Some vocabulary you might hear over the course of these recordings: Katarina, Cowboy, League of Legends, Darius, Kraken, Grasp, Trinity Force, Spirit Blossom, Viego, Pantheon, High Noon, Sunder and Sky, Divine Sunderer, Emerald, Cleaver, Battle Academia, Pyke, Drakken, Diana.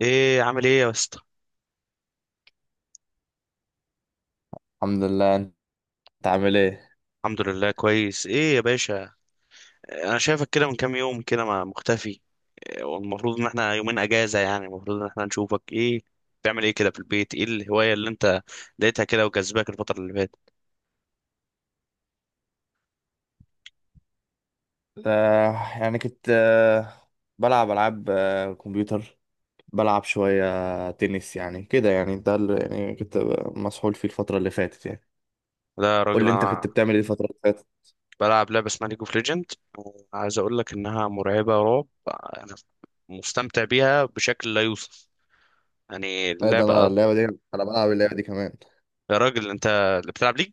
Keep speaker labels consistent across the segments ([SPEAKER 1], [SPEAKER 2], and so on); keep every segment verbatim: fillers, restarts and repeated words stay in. [SPEAKER 1] ايه؟ عامل ايه يا اسطى؟
[SPEAKER 2] الحمد لله. انت عامل ايه؟
[SPEAKER 1] الحمد لله، كويس. ايه يا باشا، انا شايفك كده من كام يوم كده ما مختفي. إيه، والمفروض ان احنا يومين اجازة، يعني المفروض ان احنا نشوفك. ايه بتعمل ايه كده في البيت؟ ايه الهواية اللي انت لقيتها كده وجذباك الفترة اللي فاتت؟
[SPEAKER 2] آه يعني كنت آه بلعب العاب آه كمبيوتر، بلعب شويه، آه، تنس يعني كده، يعني ده اللي يعني كنت مسحول فيه الفتره اللي فاتت يعني.
[SPEAKER 1] لا يا
[SPEAKER 2] قول
[SPEAKER 1] راجل،
[SPEAKER 2] لي انت
[SPEAKER 1] انا
[SPEAKER 2] كنت بتعمل ايه الفتره اللي فاتت؟
[SPEAKER 1] بلعب لعبة اسمها ليج اوف ليجند. عايز اقول لك انها مرعبة رعب، انا مستمتع بيها بشكل لا يوصف، يعني
[SPEAKER 2] ايه ده؟ انا
[SPEAKER 1] اللعبة.
[SPEAKER 2] اللعبه دي، انا بلعب اللعبه دي كمان.
[SPEAKER 1] يا راجل انت اللي بتلعب ليج؟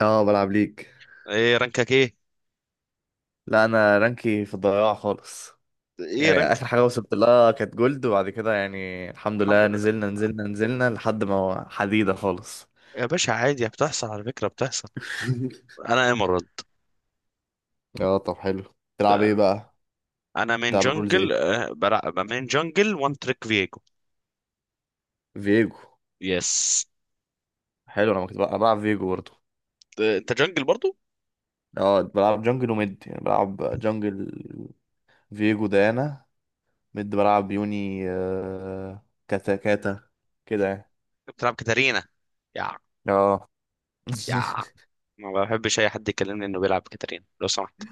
[SPEAKER 2] اه، بلعب ليج.
[SPEAKER 1] ايه رانكك؟ ايه؟
[SPEAKER 2] لا، انا رانكي في الضياع خالص.
[SPEAKER 1] ايه
[SPEAKER 2] يعني
[SPEAKER 1] رانك؟
[SPEAKER 2] اخر حاجه وصلت لها كانت جولد، وبعد كده يعني الحمد
[SPEAKER 1] الحمد
[SPEAKER 2] لله
[SPEAKER 1] لله
[SPEAKER 2] نزلنا نزلنا نزلنا لحد ما حديده خالص.
[SPEAKER 1] يا باشا، عادي بتحصل على فكرة، بتحصل. انا ايمرالد.
[SPEAKER 2] اه، طب حلو. تلعب ايه بقى؟
[SPEAKER 1] انا من
[SPEAKER 2] تلعب رولز؟
[SPEAKER 1] جنجل آه، بلع... من جنجل، وان تريك فيجو.
[SPEAKER 2] فيجو.
[SPEAKER 1] يس.
[SPEAKER 2] حلو، انا كنت بقى- أنا بلعب فيجو برضه.
[SPEAKER 1] آه، انت جنجل برضو؟
[SPEAKER 2] اه، بلعب جنجل وميد، يعني بلعب جنجل، فيجو، ديانا. ميد بلعب يوني، آه... كاتا كاتا كده يعني.
[SPEAKER 1] بتلعب كاتارينا يا
[SPEAKER 2] اه.
[SPEAKER 1] يا ما بحبش اي حد يكلمني انه بيلعب كاتارينا لو سمحت.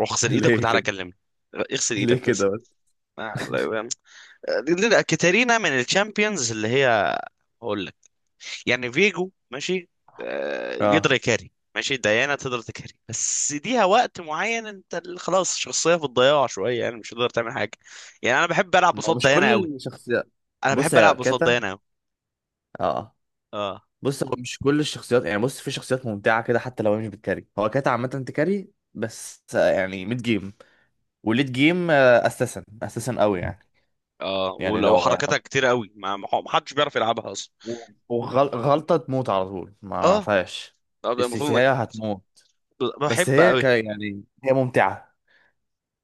[SPEAKER 1] روح اغسل ايدك
[SPEAKER 2] ليه
[SPEAKER 1] وتعالى
[SPEAKER 2] كده؟
[SPEAKER 1] كلمني. اغسل ايدك
[SPEAKER 2] ليه
[SPEAKER 1] بس.
[SPEAKER 2] كده بس؟
[SPEAKER 1] آه، لا- يعني- آه، كاتارينا من الشامبيونز اللي هي، هقول، يعني فيجو ماشي. آه،
[SPEAKER 2] اه،
[SPEAKER 1] يقدر يكاري، ماشي. ديانا تقدر تكاري بس ليها وقت معين. انت ال- خلاص الشخصيه في الضياع شويه، يعني مش هتقدر تعمل حاجه. يعني انا بحب العب
[SPEAKER 2] ما هو
[SPEAKER 1] قصاد
[SPEAKER 2] مش
[SPEAKER 1] ديانا
[SPEAKER 2] كل
[SPEAKER 1] قوي.
[SPEAKER 2] الشخصيات.
[SPEAKER 1] انا
[SPEAKER 2] بص،
[SPEAKER 1] بحب
[SPEAKER 2] هي
[SPEAKER 1] العب قصاد
[SPEAKER 2] كاتا.
[SPEAKER 1] ديانا قوي.
[SPEAKER 2] اه،
[SPEAKER 1] اه.
[SPEAKER 2] بص هو مش كل الشخصيات، يعني بص في شخصيات ممتعة كده حتى لو هي مش بتكاري. هو كاتا عامة تكاري بس، آه، يعني ميد جيم وليد جيم، آه، اساسا اساسا قوي يعني.
[SPEAKER 1] اه،
[SPEAKER 2] يعني
[SPEAKER 1] ولو
[SPEAKER 2] لو
[SPEAKER 1] حركتها كتير قوي ما ما حدش بيعرف يلعبها اصلا.
[SPEAKER 2] وغلطة تموت على طول، ما
[SPEAKER 1] اه.
[SPEAKER 2] فيهاش.
[SPEAKER 1] آه، المفروض انك،
[SPEAKER 2] السيسيهاية هتموت، بس
[SPEAKER 1] بحب
[SPEAKER 2] هي
[SPEAKER 1] قوي.
[SPEAKER 2] ك يعني هي ممتعة.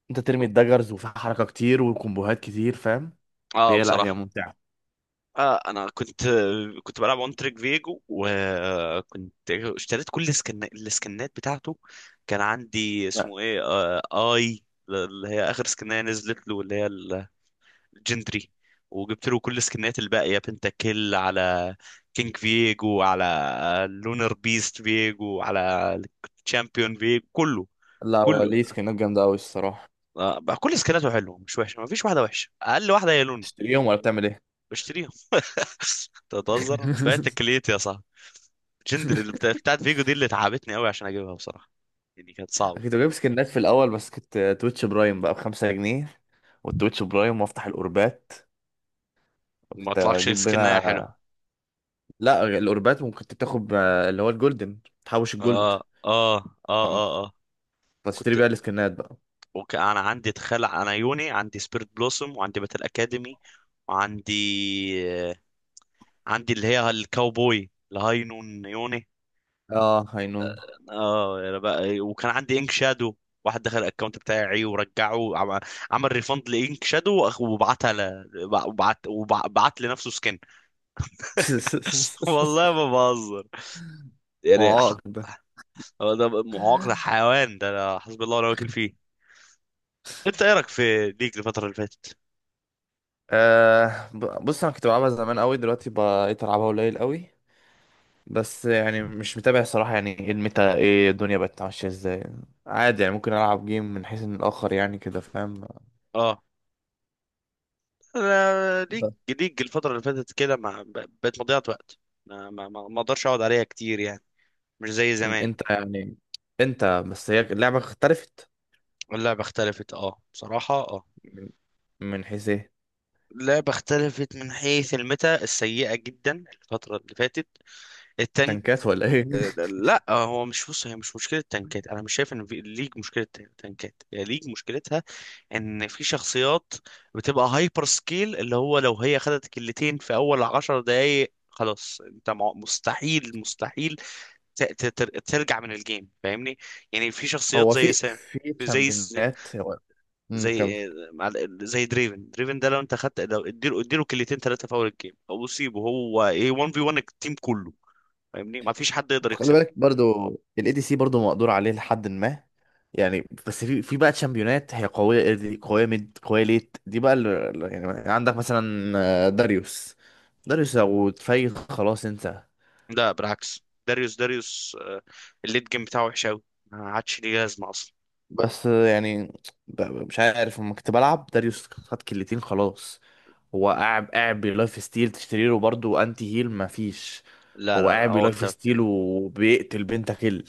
[SPEAKER 2] انت ترمي الدجرز وفي حركة كتير وكومبوهات كتير، فاهم؟
[SPEAKER 1] اه
[SPEAKER 2] هي لا، هي
[SPEAKER 1] بصراحه.
[SPEAKER 2] ممتعة.
[SPEAKER 1] آه، انا كنت، كنت بلعب اون تريك فيجو، وكنت اشتريت كل السكن السكنات بتاعته. كان عندي
[SPEAKER 2] لا،
[SPEAKER 1] اسمه ايه، آه اي، اللي هي اخر سكنه نزلت له، اللي هي الجندري. وجبت له كل السكنات الباقيه: بنتا كيل، على كينج فيجو، على لونر بيست فيجو، على تشامبيون فيجو، كله،
[SPEAKER 2] لا، هو
[SPEAKER 1] كله.
[SPEAKER 2] ليه سكنات جامدة أوي الصراحة.
[SPEAKER 1] آه، بقى كل سكناته حلوه، مش وحشه. ما فيش واحده وحشه، اقل واحده هي لونر.
[SPEAKER 2] تشتريهم ولا بتعمل ايه؟
[SPEAKER 1] بشتريها. تتهزر، بعت كليتي يا صاحبي. جندر اللي بتا- بتاعت فيجو دي اللي تعبتني قوي عشان اجيبها بصراحه، يعني كانت صعبه.
[SPEAKER 2] كنت بجيب سكنات في الأول، بس كنت تويتش برايم بقى بخمسة جنيه، والتويتش برايم وافتح الأوربات،
[SPEAKER 1] وما
[SPEAKER 2] كنت
[SPEAKER 1] طلعكش
[SPEAKER 2] أجيب
[SPEAKER 1] سكنها حلوه.
[SPEAKER 2] منها. لا، الأوربات ممكن كنت بتاخد آه، اللي هو الجولدن، تحوش الجولد.
[SPEAKER 1] اه اه اه اه اه.
[SPEAKER 2] هتشتري
[SPEAKER 1] كنت،
[SPEAKER 2] بقى السكنات بقى.
[SPEAKER 1] وك... انا عندي تخلع. انا يوني عندي سبيرت بلوسوم، وعندي باتل اكاديمي، وعندي، آه، عندي اللي هي الكاوبوي الهاي نون يوني.
[SPEAKER 2] اه، هينون.
[SPEAKER 1] اه، يا بقى، وكان عندي انك شادو. واحد دخل الاكونت بتاعي ورجعه، عم- عمل ريفند لانك شادو، وأخ- وبعتها ل... وبعت وبعت لنفسه سكن. والله ما بهزر يعني.
[SPEAKER 2] معاق ده.
[SPEAKER 1] هو ده معاق، ده حيوان، ده أنا حسبي الله ونعم الوكيل فيه. انت ايه رايك في ليج الفتره اللي فاتت؟
[SPEAKER 2] آه ب- بص انا كنت بلعبها زمان قوي، دلوقتي بقيت العبها قليل قوي. بس يعني مش متابع صراحة، يعني ايه الميتا، ايه الدنيا بقت ماشية ازاي. عادي يعني ممكن العب جيم من حيث ان الاخر يعني، كده فاهم؟
[SPEAKER 1] اه، انا ليج،
[SPEAKER 2] بس.
[SPEAKER 1] ليج الفتره اللي فاتت كده ما، بقت مضيعه وقت. ما ما ما ما اقدرش اقعد عليها كتير يعني، مش زي زمان.
[SPEAKER 2] انت يعني انت بس هي اللعبة اختلفت.
[SPEAKER 1] اللعبه اختلفت، اه بصراحه. اه،
[SPEAKER 2] من من حيث ايه؟
[SPEAKER 1] اللعبه اختلفت من حيث الميتا السيئه جدا الفتره اللي فاتت التانية.
[SPEAKER 2] تنكات ولا ايه؟
[SPEAKER 1] لا، هو مش، بص، هي مش مشكلة تنكات. أنا مش شايف إن في ليج مشكلة تنكات. هي ليج مشكلتها إن في شخصيات بتبقى هايبر سكيل، اللي هو لو هي خدت كلتين في أول عشر دقايق خلاص أنت مع- مستحيل، مستحيل ت- ت- تر- ترجع من الجيم فاهمني. يعني في شخصيات
[SPEAKER 2] هو
[SPEAKER 1] زي
[SPEAKER 2] في
[SPEAKER 1] سا
[SPEAKER 2] في
[SPEAKER 1] زي،
[SPEAKER 2] تشامبيونات هو. مم، كمل.
[SPEAKER 1] زي آه، مع- زي دريفن. دريفن ده لو انت خدت، لو اديله اديله كلتين ثلاثه في اول الجيم، او اصيبه، هو ايه واحد في واحد التيم كله، فاهمني. ما فيش حد يقدر
[SPEAKER 2] خلي
[SPEAKER 1] يكسبه.
[SPEAKER 2] بالك برضو الاي دي سي برضو مقدور عليه لحد ما. يعني بس في في بقى تشامبيونات هي قويه. إيه دي قويه، ميد قويه، ليت دي بقى اللي يعني عندك مثلا آه، داريوس. داريوس لو اتفيل خلاص انت.
[SPEAKER 1] لا بالعكس، داريوس، داريوس، آه، الليد جيم بتاعه وحش قوي، ما عادش ليه لازمه اصلا.
[SPEAKER 2] بس، آه، يعني ب- ب- مش عارف، لما كنت بلعب داريوس خد كلتين خلاص، هو قاعد قاعد بلايف ستيل، تشتري له برضو انتي هيل، مفيش.
[SPEAKER 1] لا
[SPEAKER 2] هو
[SPEAKER 1] لا لا.
[SPEAKER 2] قاعد
[SPEAKER 1] هو
[SPEAKER 2] بلايف
[SPEAKER 1] انت،
[SPEAKER 2] ستيل وبيقتل بنتا كيل.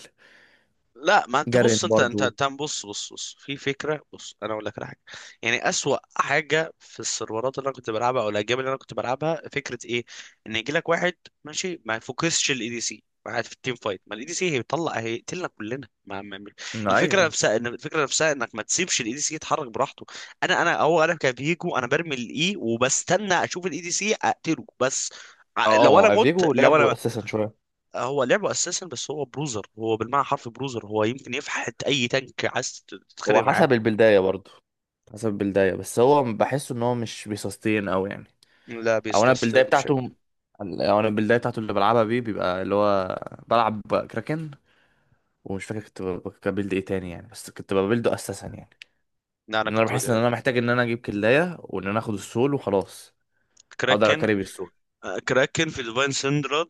[SPEAKER 1] لا، ما انت
[SPEAKER 2] جارين
[SPEAKER 1] بص، انت انت
[SPEAKER 2] برضو.
[SPEAKER 1] انت بص بص بص، في فكره، بص انا اقول لك على حاجه. يعني اسوأ حاجه في السيرفرات اللي انا كنت بلعبها او الاجيال اللي انا كنت بلعبها، فكره ايه؟ ان يجي لك واحد ماشي ما يفوكسش الاي دي سي قاعد في التيم فايت. ما الاي دي سي هيطلع هيقتلنا كلنا، ما ما ما- الفكره
[SPEAKER 2] ايوه،
[SPEAKER 1] نفسها، ان الفكره نفسها انك ما تسيبش الاي دي سي يتحرك براحته. انا انا هو انا كفيجو، انا برمي الاي وبستنى اشوف الاي دي سي اقتله بس. ع- لو انا
[SPEAKER 2] اه،
[SPEAKER 1] مت،
[SPEAKER 2] افيجو
[SPEAKER 1] لو
[SPEAKER 2] لعبه
[SPEAKER 1] انا
[SPEAKER 2] اساسا شويه.
[SPEAKER 1] هو لعبه اساسا بس، هو بروزر، هو بالمعنى حرف بروزر، هو يمكن يفحت اي تانك عايز تتخانق
[SPEAKER 2] هو
[SPEAKER 1] معاه.
[SPEAKER 2] حسب البلداية برضه، حسب البلداية. بس هو بحسه ان هو مش بيسستين او يعني،
[SPEAKER 1] لا
[SPEAKER 2] او انا البلداية
[SPEAKER 1] بيستسلم بشكل.
[SPEAKER 2] بتاعته، او انا البلداية بتاعته اللي بلعبها بيه بيبقى اللي هو بلعب كراكن. ومش فاكر كنت ب- ب- ببيلد ايه تاني يعني، بس كنت ببيلده اساسا يعني.
[SPEAKER 1] لا، انا
[SPEAKER 2] ان انا
[SPEAKER 1] كنت
[SPEAKER 2] بحس ان
[SPEAKER 1] بقى،
[SPEAKER 2] انا محتاج ان انا اجيب كلاية، وان انا اخد السول وخلاص. اقدر
[SPEAKER 1] كراكن.
[SPEAKER 2] اكاري بالسول.
[SPEAKER 1] آه، كراكن في ديفاين سندرد،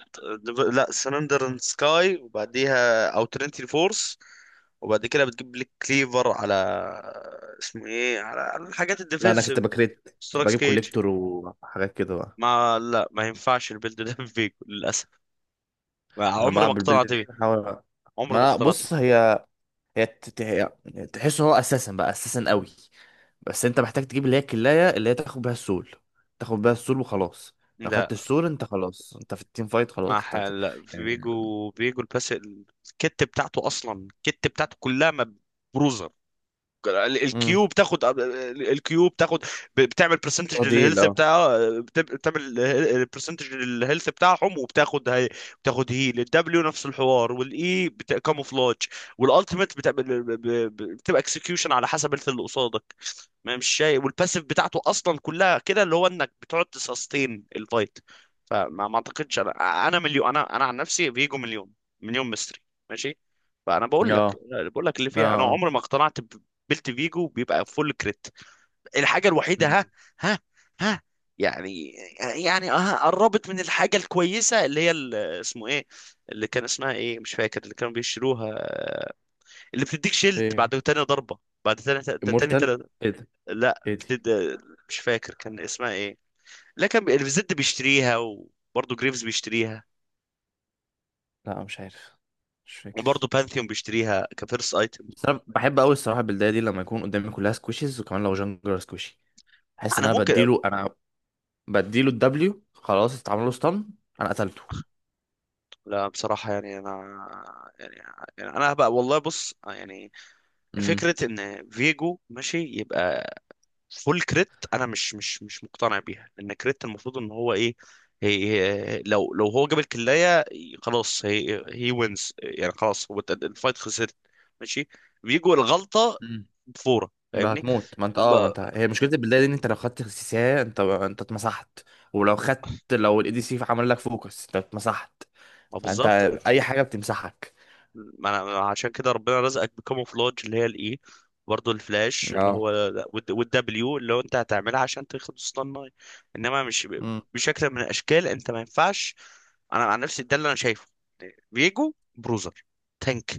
[SPEAKER 1] لا، سندر اند سكاي، وبعديها او ترينتي فورس، وبعد كده بتجيب لك كليفر على، اسمه ايه، على على الحاجات
[SPEAKER 2] لا، انا كنت
[SPEAKER 1] الديفنسيف،
[SPEAKER 2] بكريت
[SPEAKER 1] ستراكس
[SPEAKER 2] بجيب
[SPEAKER 1] كيج.
[SPEAKER 2] كوليكتور وحاجات كده بقى.
[SPEAKER 1] ما لا، ما ينفعش البيلد ده فيجو، للاسف. ما-
[SPEAKER 2] انا
[SPEAKER 1] عمري ما
[SPEAKER 2] بلعب بالبلد
[SPEAKER 1] اقتنعت
[SPEAKER 2] دي،
[SPEAKER 1] بيه.
[SPEAKER 2] بحاول.
[SPEAKER 1] عمري ما
[SPEAKER 2] ما
[SPEAKER 1] اقتنعت بيه.
[SPEAKER 2] بص، هي هي تت- هي- تحس ان هو اساسا بقى اساسا قوي. بس انت محتاج تجيب اللي هي الكلاية اللي هي تاخد بيها السول. تاخد بيها السول وخلاص، لو
[SPEAKER 1] لا،
[SPEAKER 2] خدت السول انت خلاص، انت في التيم فايت
[SPEAKER 1] مع
[SPEAKER 2] خلاص، انت هت-
[SPEAKER 1] حال
[SPEAKER 2] أيوة.
[SPEAKER 1] بيجو، بيجو الباس. الكت بتاعته اصلا، الكت بتاعته كلها مبروزه. ال-
[SPEAKER 2] امم.
[SPEAKER 1] الكيو بتاخد، الكيو بتاخد ب- بتعمل برسنتج
[SPEAKER 2] تضيل.
[SPEAKER 1] للهيلث
[SPEAKER 2] اه،
[SPEAKER 1] بتاعها، بت- بتعمل برسنتج للهيلث بتاعهم، وبتاخد هي بتاخد هيل. الدبليو نفس الحوار، والاي كاموفلاج، والالتيميت بتعمل ب- ب- بتبقى اكسكيوشن على حسب الهيلث اللي قصادك. ما، مش شايف. والباسيف بتاعته اصلا كلها كده، اللي هو انك بتقعد تسستين الفايت. فما ما اعتقدش، انا انا مليون، انا انا عن نفسي فيجو مليون، مليون مستري، ماشي. فانا
[SPEAKER 2] اه،
[SPEAKER 1] بقول لك، بقول لك اللي
[SPEAKER 2] اه،
[SPEAKER 1] فيها انا
[SPEAKER 2] آه.
[SPEAKER 1] عمري ما اقتنعت. بيلت فيجو بيبقى فول كريت، الحاجه الوحيده. ها.
[SPEAKER 2] مم.
[SPEAKER 1] ها، ها، يعني، يعني اه، قربت من الحاجه الكويسه اللي هي ال- اسمه ايه، اللي كان اسمها ايه، مش فاكر، اللي كانوا بيشتروها، اللي بتديك شيلد بعد
[SPEAKER 2] ايه؟
[SPEAKER 1] تاني ضربه، بعد تاني تاني
[SPEAKER 2] امورتال؟
[SPEAKER 1] تاني.
[SPEAKER 2] ايه ده؟
[SPEAKER 1] لا
[SPEAKER 2] ايه دي؟
[SPEAKER 1] بتد... مش فاكر كان اسمها ايه. لا، كان بي- الزد بيشتريها، وبرضه جريفز بيشتريها،
[SPEAKER 2] لا، مش عارف، مش
[SPEAKER 1] وبرضه
[SPEAKER 2] فاكر.
[SPEAKER 1] بانثيون بيشتريها كفيرست ايتم.
[SPEAKER 2] بس انا بحب قوي الصراحه البلديه دي لما يكون قدامي كلها سكويشز، وكمان لو جانجلر سكوشي، احس ان
[SPEAKER 1] انا
[SPEAKER 2] انا
[SPEAKER 1] ممكن أب...
[SPEAKER 2] بديله. انا بديله الدبليو خلاص، اتعمل له ستان، انا قتلته.
[SPEAKER 1] لا بصراحه، يعني انا، يعني، يعني انا بقى والله، بص يعني،
[SPEAKER 2] امم
[SPEAKER 1] فكرة ان فيجو ماشي يبقى فول كريت، انا مش مش مش مقتنع بيها، لان كريت المفروض ان هو ايه. هي، هي- لو لو هو جاب الكلاية خلاص، هي هي وينز، يعني خلاص، هو الت- الفايت خسرت، ماشي. فيجو الغلطة بفورة،
[SPEAKER 2] بقى
[SPEAKER 1] فاهمني.
[SPEAKER 2] هتموت. ما انت اه ما
[SPEAKER 1] ب-
[SPEAKER 2] انت هي مشكله البدايه دي ان انت لو خدت سيساه انت انت اتمسحت. ولو خدت، لو الاي دي سي عمل لك فوكس انت اتمسحت.
[SPEAKER 1] ما
[SPEAKER 2] فانت
[SPEAKER 1] بالظبط.
[SPEAKER 2] اي حاجه بتمسحك.
[SPEAKER 1] ما انا عشان كده ربنا رزقك بكاموفلاج، اللي هي الاي، برضه الفلاش، اللي هو
[SPEAKER 2] اه.
[SPEAKER 1] والدبليو، اللي هو انت هتعملها عشان تاخد سطان ناي. انما مش ب-
[SPEAKER 2] مم.
[SPEAKER 1] بشكل من الاشكال، انت ما ينفعش. انا عن نفسي ده اللي انا شايفه. فيجو بروزر تانك،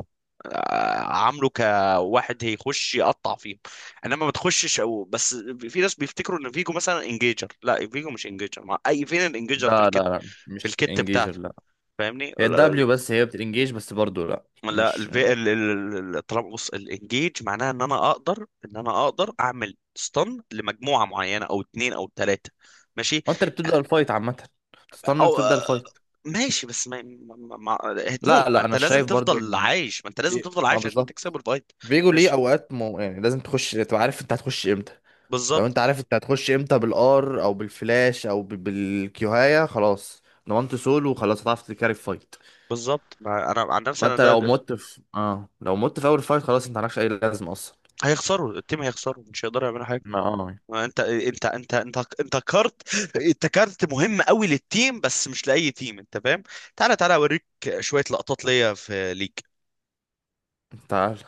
[SPEAKER 1] آه، عامله كواحد هيخش يقطع فيهم، انما ما تخشش او بس. في ناس بيفتكروا ان فيجو مثلا انجيجر، لا، فيجو مش انجيجر، مع اي؟ فين الانجيجر في
[SPEAKER 2] لا، لا،
[SPEAKER 1] الكت،
[SPEAKER 2] لا،
[SPEAKER 1] في
[SPEAKER 2] مش
[SPEAKER 1] الكت
[SPEAKER 2] انجيجر
[SPEAKER 1] بتاعته،
[SPEAKER 2] لا.
[SPEAKER 1] فاهمني.
[SPEAKER 2] هي الدبليو بس هي بتنجيج بس برضو، لا
[SPEAKER 1] لا،
[SPEAKER 2] مش.
[SPEAKER 1] الفي ال ال- ال- الطلب، بص، الانجيج معناها ان انا اقدر، ان انا اقدر اعمل ستان لمجموعه معينه او اتنين او تلاته، ماشي.
[SPEAKER 2] هو انت اللي بتبدا الفايت عامه، بتستنى اللي
[SPEAKER 1] او
[SPEAKER 2] بتبدا الفايت.
[SPEAKER 1] ماشي، بس ما, ما, ما هتموت،
[SPEAKER 2] لا،
[SPEAKER 1] ما
[SPEAKER 2] لا،
[SPEAKER 1] انت
[SPEAKER 2] انا
[SPEAKER 1] لازم
[SPEAKER 2] شايف برضو
[SPEAKER 1] تفضل
[SPEAKER 2] ان
[SPEAKER 1] عايش، ما انت لازم
[SPEAKER 2] في-
[SPEAKER 1] تفضل
[SPEAKER 2] ما
[SPEAKER 1] عايش عشان
[SPEAKER 2] بالظبط،
[SPEAKER 1] تكسب الفايت،
[SPEAKER 2] فيجو ليه
[SPEAKER 1] ماشي.
[SPEAKER 2] اوقات مو... يعني لازم تخش، تبقى عارف انت هتخش امتى. لو
[SPEAKER 1] بالظبط،
[SPEAKER 2] انت عارف انت هتخش امتى بالار او بالفلاش او ب- بالكيوهاية، خلاص ضمنت سول وخلاص، هتعرف تكاري فايت.
[SPEAKER 1] بالظبط. ما انا عن نفسي
[SPEAKER 2] ما
[SPEAKER 1] انا،
[SPEAKER 2] انت
[SPEAKER 1] ده,
[SPEAKER 2] لو
[SPEAKER 1] ده
[SPEAKER 2] مت في اه لو مت في اول فايت خلاص انت مالكش اي لازمه اصلا.
[SPEAKER 1] هيخسروا التيم، هيخسروا مش هيقدروا يعملوا حاجه.
[SPEAKER 2] ما اه
[SPEAKER 1] انت انت انت انت انت كارت، انت كارت مهم قوي للتيم، بس مش لاي تيم، انت فاهم. تعالى تعالى اوريك شويه لقطات ليا في ليج.
[SPEAKER 2] تعال